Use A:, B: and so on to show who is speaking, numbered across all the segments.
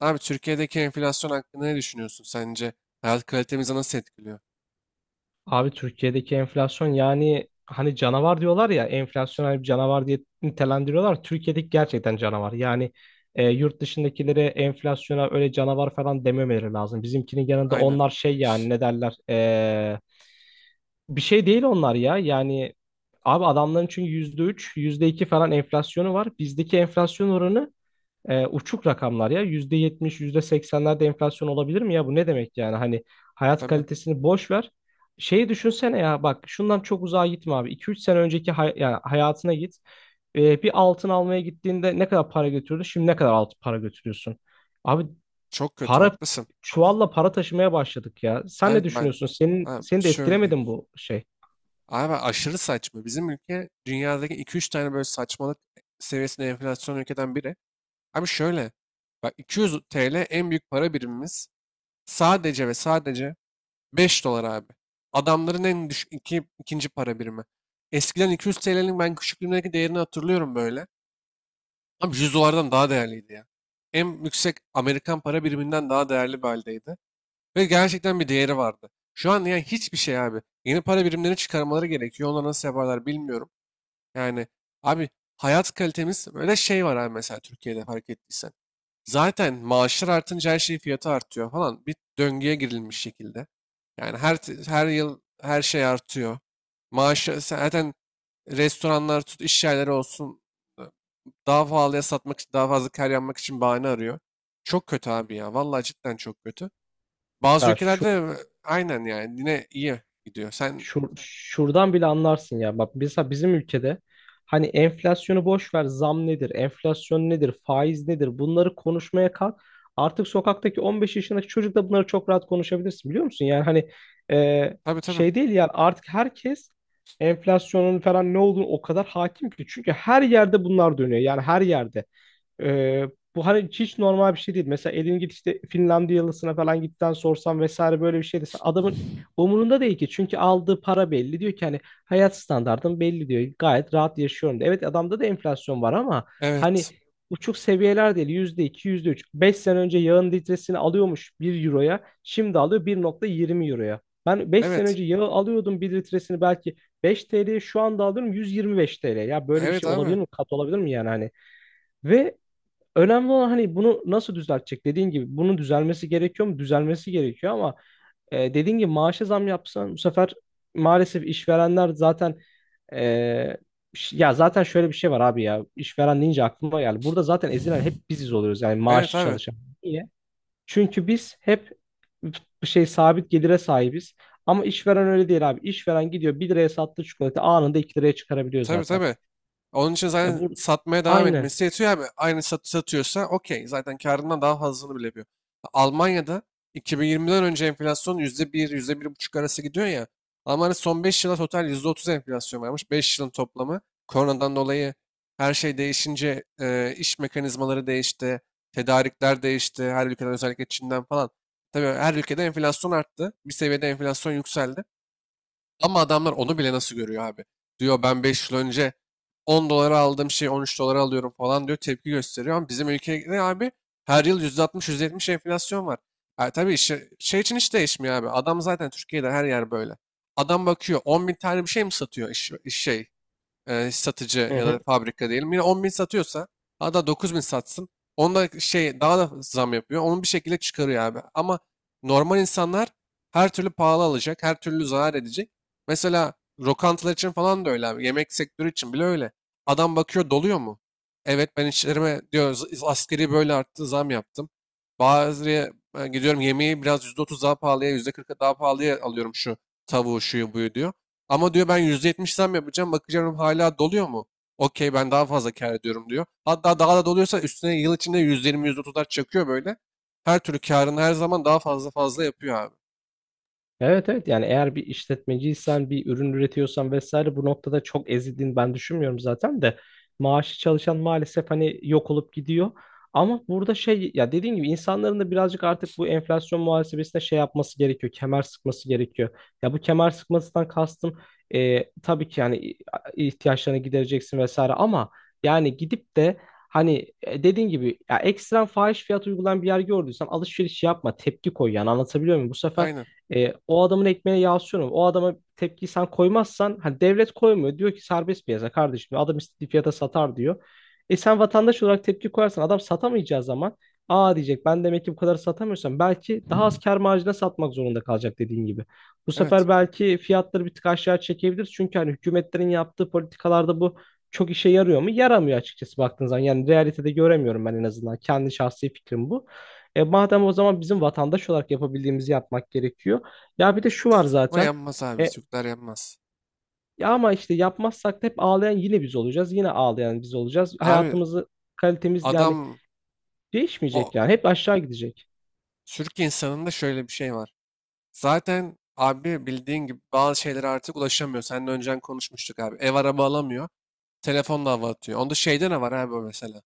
A: Abi Türkiye'deki enflasyon hakkında ne düşünüyorsun sence? Hayat kalitemizi nasıl etkiliyor?
B: Abi Türkiye'deki enflasyon yani hani canavar diyorlar ya enflasyon hani bir canavar diye nitelendiriyorlar. Türkiye'deki gerçekten canavar. Yani yurt dışındakilere enflasyona öyle canavar falan dememeleri lazım. Bizimkinin yanında
A: Aynen.
B: onlar şey yani ne derler bir şey değil onlar ya. Yani abi adamların çünkü %3, yüzde iki falan enflasyonu var. Bizdeki enflasyon oranı uçuk rakamlar ya. %70, yüzde seksenlerde enflasyon olabilir mi ya? Bu ne demek yani? Hani hayat
A: Tabii.
B: kalitesini boş ver. Şeyi düşünsene ya, bak şundan çok uzağa gitme abi. İki üç sene önceki yani hayatına git. Bir altın almaya gittiğinde ne kadar para götürdü? Şimdi ne kadar altın para götürüyorsun? Abi
A: Çok kötü
B: para
A: haklısın.
B: çuvalla para taşımaya başladık ya. Sen
A: Abi
B: ne
A: ben
B: düşünüyorsun? Senin
A: abi
B: seni de
A: şöyle
B: etkilemedi
A: diyeyim.
B: mi bu şey?
A: Abi aşırı saçma. Bizim ülke dünyadaki iki üç tane böyle saçmalık seviyesinde enflasyon ülkeden biri. Abi şöyle. Bak, 200 TL en büyük para birimimiz. Sadece ve sadece 5 dolar abi. Adamların en düşük ikinci para birimi. Eskiden 200 TL'nin ben küçüklüğümdeki değerini hatırlıyorum böyle. Abi 100 dolardan daha değerliydi ya. En yüksek Amerikan para biriminden daha değerli bir haldeydi. Ve gerçekten bir değeri vardı. Şu an yani hiçbir şey abi. Yeni para birimlerini çıkarmaları gerekiyor. Onlar nasıl yaparlar bilmiyorum. Yani abi, hayat kalitemiz böyle, şey var abi, mesela Türkiye'de fark ettiysen. Zaten maaşlar artınca her şeyin fiyatı artıyor falan. Bir döngüye girilmiş şekilde. Yani her yıl her şey artıyor. Maaşı zaten restoranlar tut, iş yerleri olsun, e, daha pahalıya satmak için, daha fazla kar yapmak için bahane arıyor. Çok kötü abi ya. Vallahi cidden çok kötü. Bazı
B: Ya şu
A: ülkelerde aynen yani yine iyi gidiyor.
B: Şuradan bile anlarsın ya. Bak mesela bizim ülkede hani enflasyonu boş ver, zam nedir, enflasyon nedir, faiz nedir bunları konuşmaya kalk. Artık sokaktaki 15 yaşındaki çocuk da bunları çok rahat konuşabilirsin biliyor musun? Yani hani e,
A: Tabii, tabii.
B: şey değil yani artık herkes enflasyonun falan ne olduğunu o kadar hakim ki. Çünkü her yerde bunlar dönüyor. Yani her yerde. Ee, Bu hani hiç normal bir şey değil. Mesela elin git işte Finlandiyalısına falan gitten sorsan vesaire böyle bir şey desen adamın umurunda değil ki. Çünkü aldığı para belli. Diyor ki hani hayat standartım belli diyor. Gayet rahat yaşıyorum diyor. Evet adamda da enflasyon var ama hani
A: Evet.
B: uçuk seviyeler değil. %2, %3. 5 sene önce yağın litresini alıyormuş bir euroya. Şimdi alıyor 1,20 euroya. Ben 5 sene
A: Evet.
B: önce yağı alıyordum bir litresini belki 5 TL'ye, şu anda alıyorum 125 TL. Ya böyle bir
A: Evet
B: şey olabilir
A: abi.
B: mi? Kat olabilir mi yani hani? Ve önemli olan hani bunu nasıl düzeltecek? Dediğin gibi bunun düzelmesi gerekiyor mu? Düzelmesi gerekiyor ama dediğin gibi maaşa zam yapsan bu sefer maalesef işverenler zaten e, ya zaten şöyle bir şey var abi ya işveren deyince aklıma geldi. Burada zaten ezilen hep biziz oluyoruz yani
A: Evet
B: maaşlı
A: abi.
B: çalışan. Niye? Çünkü biz hep bir şey sabit gelire sahibiz. Ama işveren öyle değil abi. İşveren gidiyor bir liraya sattığı çikolata anında 2 liraya çıkarabiliyor
A: Tabii,
B: zaten.
A: tabii. Onun için
B: E
A: zaten
B: bu
A: satmaya devam
B: Aynen.
A: etmesi yetiyor abi. Aynı satıyorsa okey. Zaten karından daha fazlasını bile yapıyor. Almanya'da 2020'den önce enflasyon %1, %1,5 arası gidiyor ya. Almanya son 5 yıla total %30 enflasyon varmış. 5 yılın toplamı. Koronadan dolayı her şey değişince iş mekanizmaları değişti. Tedarikler değişti. Her ülkeden, özellikle Çin'den falan. Tabii her ülkede enflasyon arttı. Bir seviyede enflasyon yükseldi. Ama adamlar onu bile nasıl görüyor abi? Diyor, ben 5 yıl önce 10 dolara aldığım şeyi 13 dolara alıyorum falan diyor, tepki gösteriyor. Ama bizim ülkede abi her yıl %60-%70 enflasyon var. Ha, tabii şey için hiç değişmiyor abi. Adam zaten Türkiye'de her yer böyle. Adam bakıyor, 10 bin tane bir şey mi satıyor iş şey, satıcı
B: Hı
A: ya da
B: hı.
A: fabrika diyelim. Yine 10 bin satıyorsa, hatta 9 bin satsın. Onda şey, daha da zam yapıyor. Onu bir şekilde çıkarıyor abi. Ama normal insanlar her türlü pahalı alacak. Her türlü zarar edecek. Mesela lokantalar için falan da öyle abi. Yemek sektörü için bile öyle. Adam bakıyor, doluyor mu? Evet, ben işlerime diyor, Asgari böyle arttı, zam yaptım. Ben gidiyorum, yemeği biraz %30 daha pahalıya, %40 daha pahalıya alıyorum, şu tavuğu, şuyu buyu," diyor. Ama diyor, "Ben %70 zam yapacağım. Bakacağım, hala doluyor mu? Okey, ben daha fazla kâr ediyorum," diyor. Hatta daha da doluyorsa, üstüne yıl içinde %20, otuzlar çakıyor böyle. Her türlü kârını her zaman daha fazla fazla yapıyor abi.
B: Evet, evet, yani eğer bir işletmeciysen bir ürün üretiyorsan vesaire bu noktada çok ezildiğini ben düşünmüyorum zaten de maaşı çalışan maalesef hani yok olup gidiyor. Ama burada şey ya dediğim gibi insanların da birazcık artık bu enflasyon muhasebesine şey yapması gerekiyor. Kemer sıkması gerekiyor. Ya bu kemer sıkmasından kastım tabii ki yani ihtiyaçlarını gidereceksin vesaire ama yani gidip de hani dediğin gibi ya ekstrem fahiş fiyat uygulayan bir yer gördüysen alışveriş yapma, tepki koy yani anlatabiliyor muyum? Bu sefer
A: Aynen.
B: o adamın ekmeğine yağ sürme. O adama tepkiyi sen koymazsan hani devlet koymuyor. Diyor ki serbest piyasa kardeşim adam istediği fiyata satar diyor. E sen vatandaş olarak tepki koyarsan adam satamayacağı zaman aa diyecek ben demek ki bu kadar satamıyorsam belki daha az kâr marjına satmak zorunda kalacak dediğin gibi. Bu
A: Evet.
B: sefer belki fiyatları bir tık aşağı çekebilir. Çünkü hani hükümetlerin yaptığı politikalarda bu çok işe yarıyor mu? Yaramıyor açıkçası baktığın zaman. Yani realitede göremiyorum ben en azından. Kendi şahsi fikrim bu. E madem o zaman bizim vatandaş olarak yapabildiğimizi yapmak gerekiyor. Ya bir de şu var
A: Ama
B: zaten.
A: yanmaz abi.
B: E,
A: Türkler yanmaz.
B: Ya ama işte yapmazsak da hep ağlayan yine biz olacağız. Yine ağlayan biz olacağız.
A: Abi
B: Kalitemiz yani
A: adam o
B: değişmeyecek yani. Hep aşağı gidecek.
A: Türk insanında şöyle bir şey var. Zaten abi bildiğin gibi bazı şeylere artık ulaşamıyor. Seninle önceden konuşmuştuk abi. Ev, araba alamıyor. Telefonla hava atıyor. Onda şeyde ne var abi o mesela?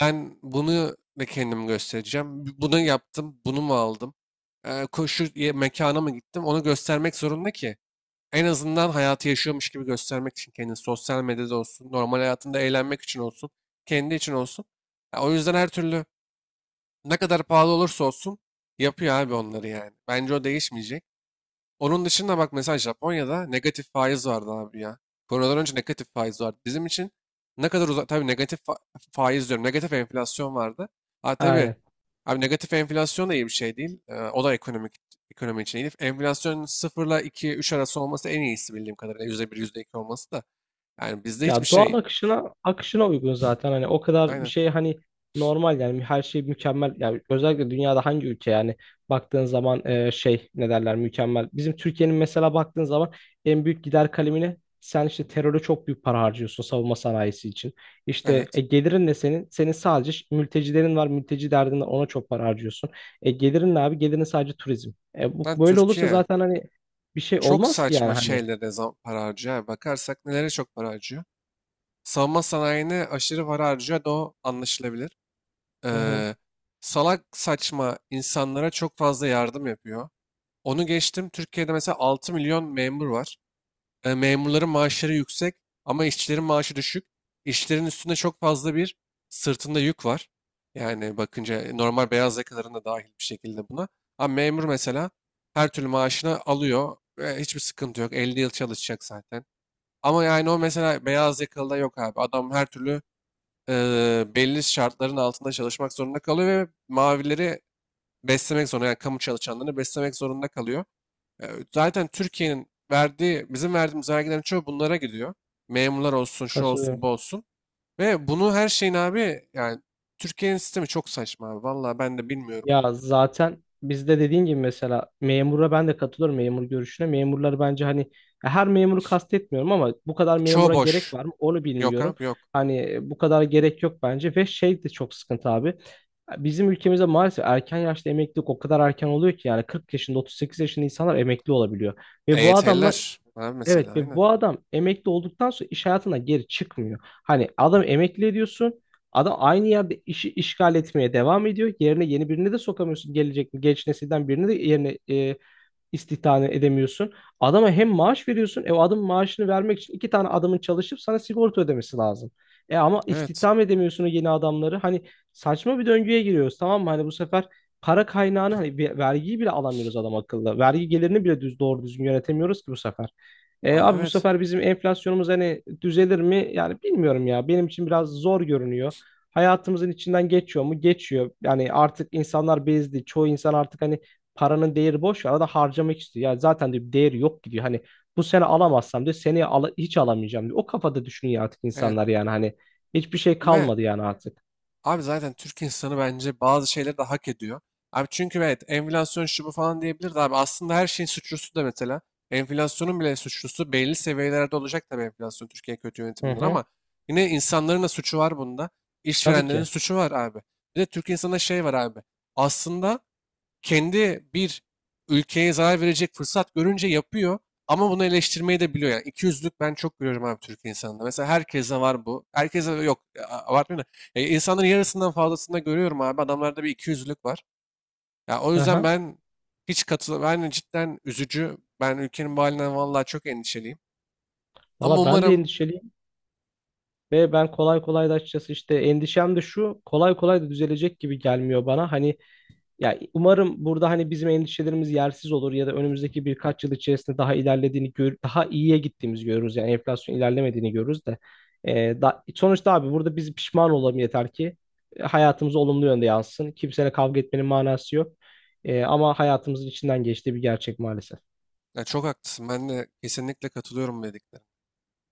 A: Ben bunu da kendim göstereceğim. Bunu yaptım, bunu mu aldım? Mekana mı gittim? Onu göstermek zorunda ki. En azından hayatı yaşıyormuş gibi göstermek için, kendini sosyal medyada olsun, normal hayatında eğlenmek için olsun, kendi için olsun. Ya o yüzden her türlü, ne kadar pahalı olursa olsun, yapıyor abi onları yani. Bence o değişmeyecek. Onun dışında bak, mesela Japonya'da negatif faiz vardı abi ya. Koronadan önce negatif faiz vardı. Bizim için ne kadar uzak, tabii faiz diyorum, negatif enflasyon vardı. Ha tabii,
B: Aynen.
A: abi negatif enflasyon da iyi bir şey değil. O da ekonomi için iyi değil. Enflasyon sıfırla iki üç arası olması en iyisi bildiğim kadarıyla. %1, %2 olması da. Yani bizde hiçbir
B: Ya doğal
A: şey.
B: akışına uygun zaten hani o kadar bir
A: Aynen.
B: şey hani normal yani her şey mükemmel yani özellikle dünyada hangi ülke yani baktığın zaman şey ne derler mükemmel. Bizim Türkiye'nin mesela baktığın zaman en büyük gider kalemine sen işte teröre çok büyük para harcıyorsun savunma sanayisi için. İşte
A: Evet.
B: gelirin ne senin? Senin sadece mültecilerin var mülteci derdin var ona çok para harcıyorsun. Gelirin ne abi? Gelirin sadece turizm.
A: Lan
B: Böyle olursa
A: Türkiye
B: zaten hani bir şey
A: çok
B: olmaz ki yani
A: saçma
B: hani.
A: şeylere para harcıyor. Yani bakarsak nelere çok para harcıyor. Savunma sanayine aşırı para harcıyor da, o anlaşılabilir.
B: Hı hı.
A: eee, Salak saçma insanlara çok fazla yardım yapıyor. Onu geçtim. Türkiye'de mesela 6 milyon memur var. Memurların maaşları yüksek ama işçilerin maaşı düşük. İşçilerin üstünde, çok fazla bir sırtında yük var. Yani bakınca normal beyaz yakaların da dahil bir şekilde buna. Ama memur mesela her türlü maaşını alıyor ve hiçbir sıkıntı yok. 50 yıl çalışacak zaten. Ama yani o mesela beyaz yakalıda yok abi. Adam her türlü belli şartların altında çalışmak zorunda kalıyor ve mavileri beslemek zorunda, yani kamu çalışanlarını beslemek zorunda kalıyor. E, Zaten Türkiye'nin verdiği bizim verdiğimiz vergilerin çoğu bunlara gidiyor. Memurlar olsun, şu olsun,
B: Katılıyorum.
A: bu olsun. Ve bunu her şeyin abi yani, Türkiye'nin sistemi çok saçma abi. Vallahi ben de bilmiyorum.
B: Ya zaten bizde dediğin gibi mesela memura ben de katılıyorum memur görüşüne. Memurları bence hani ya her memuru kastetmiyorum ama bu kadar
A: Çoğu
B: memura gerek
A: boş.
B: var mı onu
A: Yok
B: bilmiyorum.
A: abi, yok.
B: Hani bu kadar gerek yok bence ve şey de çok sıkıntı abi. Bizim ülkemizde maalesef erken yaşta emeklilik o kadar erken oluyor ki yani 40 yaşında 38 yaşında insanlar emekli olabiliyor. Ve bu adamlar
A: EYT'liler. Abi mesela,
B: Evet, ve
A: aynen.
B: bu adam emekli olduktan sonra iş hayatına geri çıkmıyor. Hani adam emekli ediyorsun. Adam aynı yerde işi işgal etmeye devam ediyor. Yerine yeni birini de sokamıyorsun. Gelecek genç nesilden birini de yerine istihdam edemiyorsun. Adama hem maaş veriyorsun. E o adamın maaşını vermek için iki tane adamın çalışıp sana sigorta ödemesi lazım. E ama
A: Evet.
B: istihdam edemiyorsun o yeni adamları. Hani saçma bir döngüye giriyoruz tamam mı? Hani bu sefer para kaynağını hani vergiyi bile alamıyoruz adam akıllı. Vergi gelirini bile düz doğru düzgün yönetemiyoruz ki bu sefer. E
A: Abi
B: abi bu
A: evet.
B: sefer bizim enflasyonumuz hani düzelir mi? Yani bilmiyorum ya. Benim için biraz zor görünüyor. Hayatımızın içinden geçiyor mu? Geçiyor. Yani artık insanlar bezdi. Çoğu insan artık hani paranın değeri boş. Arada harcamak istiyor. Ya zaten diyor bir değeri yok gidiyor. Hani bu sene alamazsam diyor. Seneye hiç alamayacağım diyor. O kafada düşünüyor artık
A: Evet.
B: insanlar yani. Hani hiçbir şey
A: Ve
B: kalmadı yani artık.
A: abi, zaten Türk insanı bence bazı şeyleri de hak ediyor. Abi çünkü evet, enflasyon şu bu falan diyebilir de, abi aslında her şeyin suçlusu, da mesela enflasyonun bile suçlusu belli seviyelerde olacak tabii enflasyon, Türkiye kötü
B: Hı
A: yönetiminden,
B: hı.
A: ama yine insanların da suçu var bunda.
B: Tabii
A: İşverenlerin
B: ki.
A: suçu var abi. Bir de Türk insanında şey var abi. Aslında kendi bir ülkeye zarar verecek fırsat görünce yapıyor, ama bunu eleştirmeyi de biliyor. Yani ikiyüzlülük, ben çok görüyorum abi Türk insanında. Mesela herkese var bu. Herkese yok, abartmıyorum da. İnsanların yarısından fazlasında görüyorum abi. Adamlarda bir ikiyüzlülük var. Ya o yüzden
B: Aha.
A: ben hiç katıl ben cidden üzücü. Ben ülkenin bu halinden vallahi çok endişeliyim. Ama
B: Valla ben de
A: umarım
B: endişeliyim. Ve ben kolay kolay da açıkçası işte endişem de şu kolay kolay da düzelecek gibi gelmiyor bana. Hani ya umarım burada hani bizim endişelerimiz yersiz olur ya da önümüzdeki birkaç yıl içerisinde daha ilerlediğini daha iyiye gittiğimizi görürüz. Yani enflasyon ilerlemediğini görürüz de. Sonuçta abi burada biz pişman olalım yeter ki hayatımıza olumlu yönde yansın. Kimseyle kavga etmenin manası yok. Ama hayatımızın içinden geçtiği bir gerçek maalesef.
A: Ya, çok haklısın. Ben de kesinlikle katılıyorum bu dediklerine.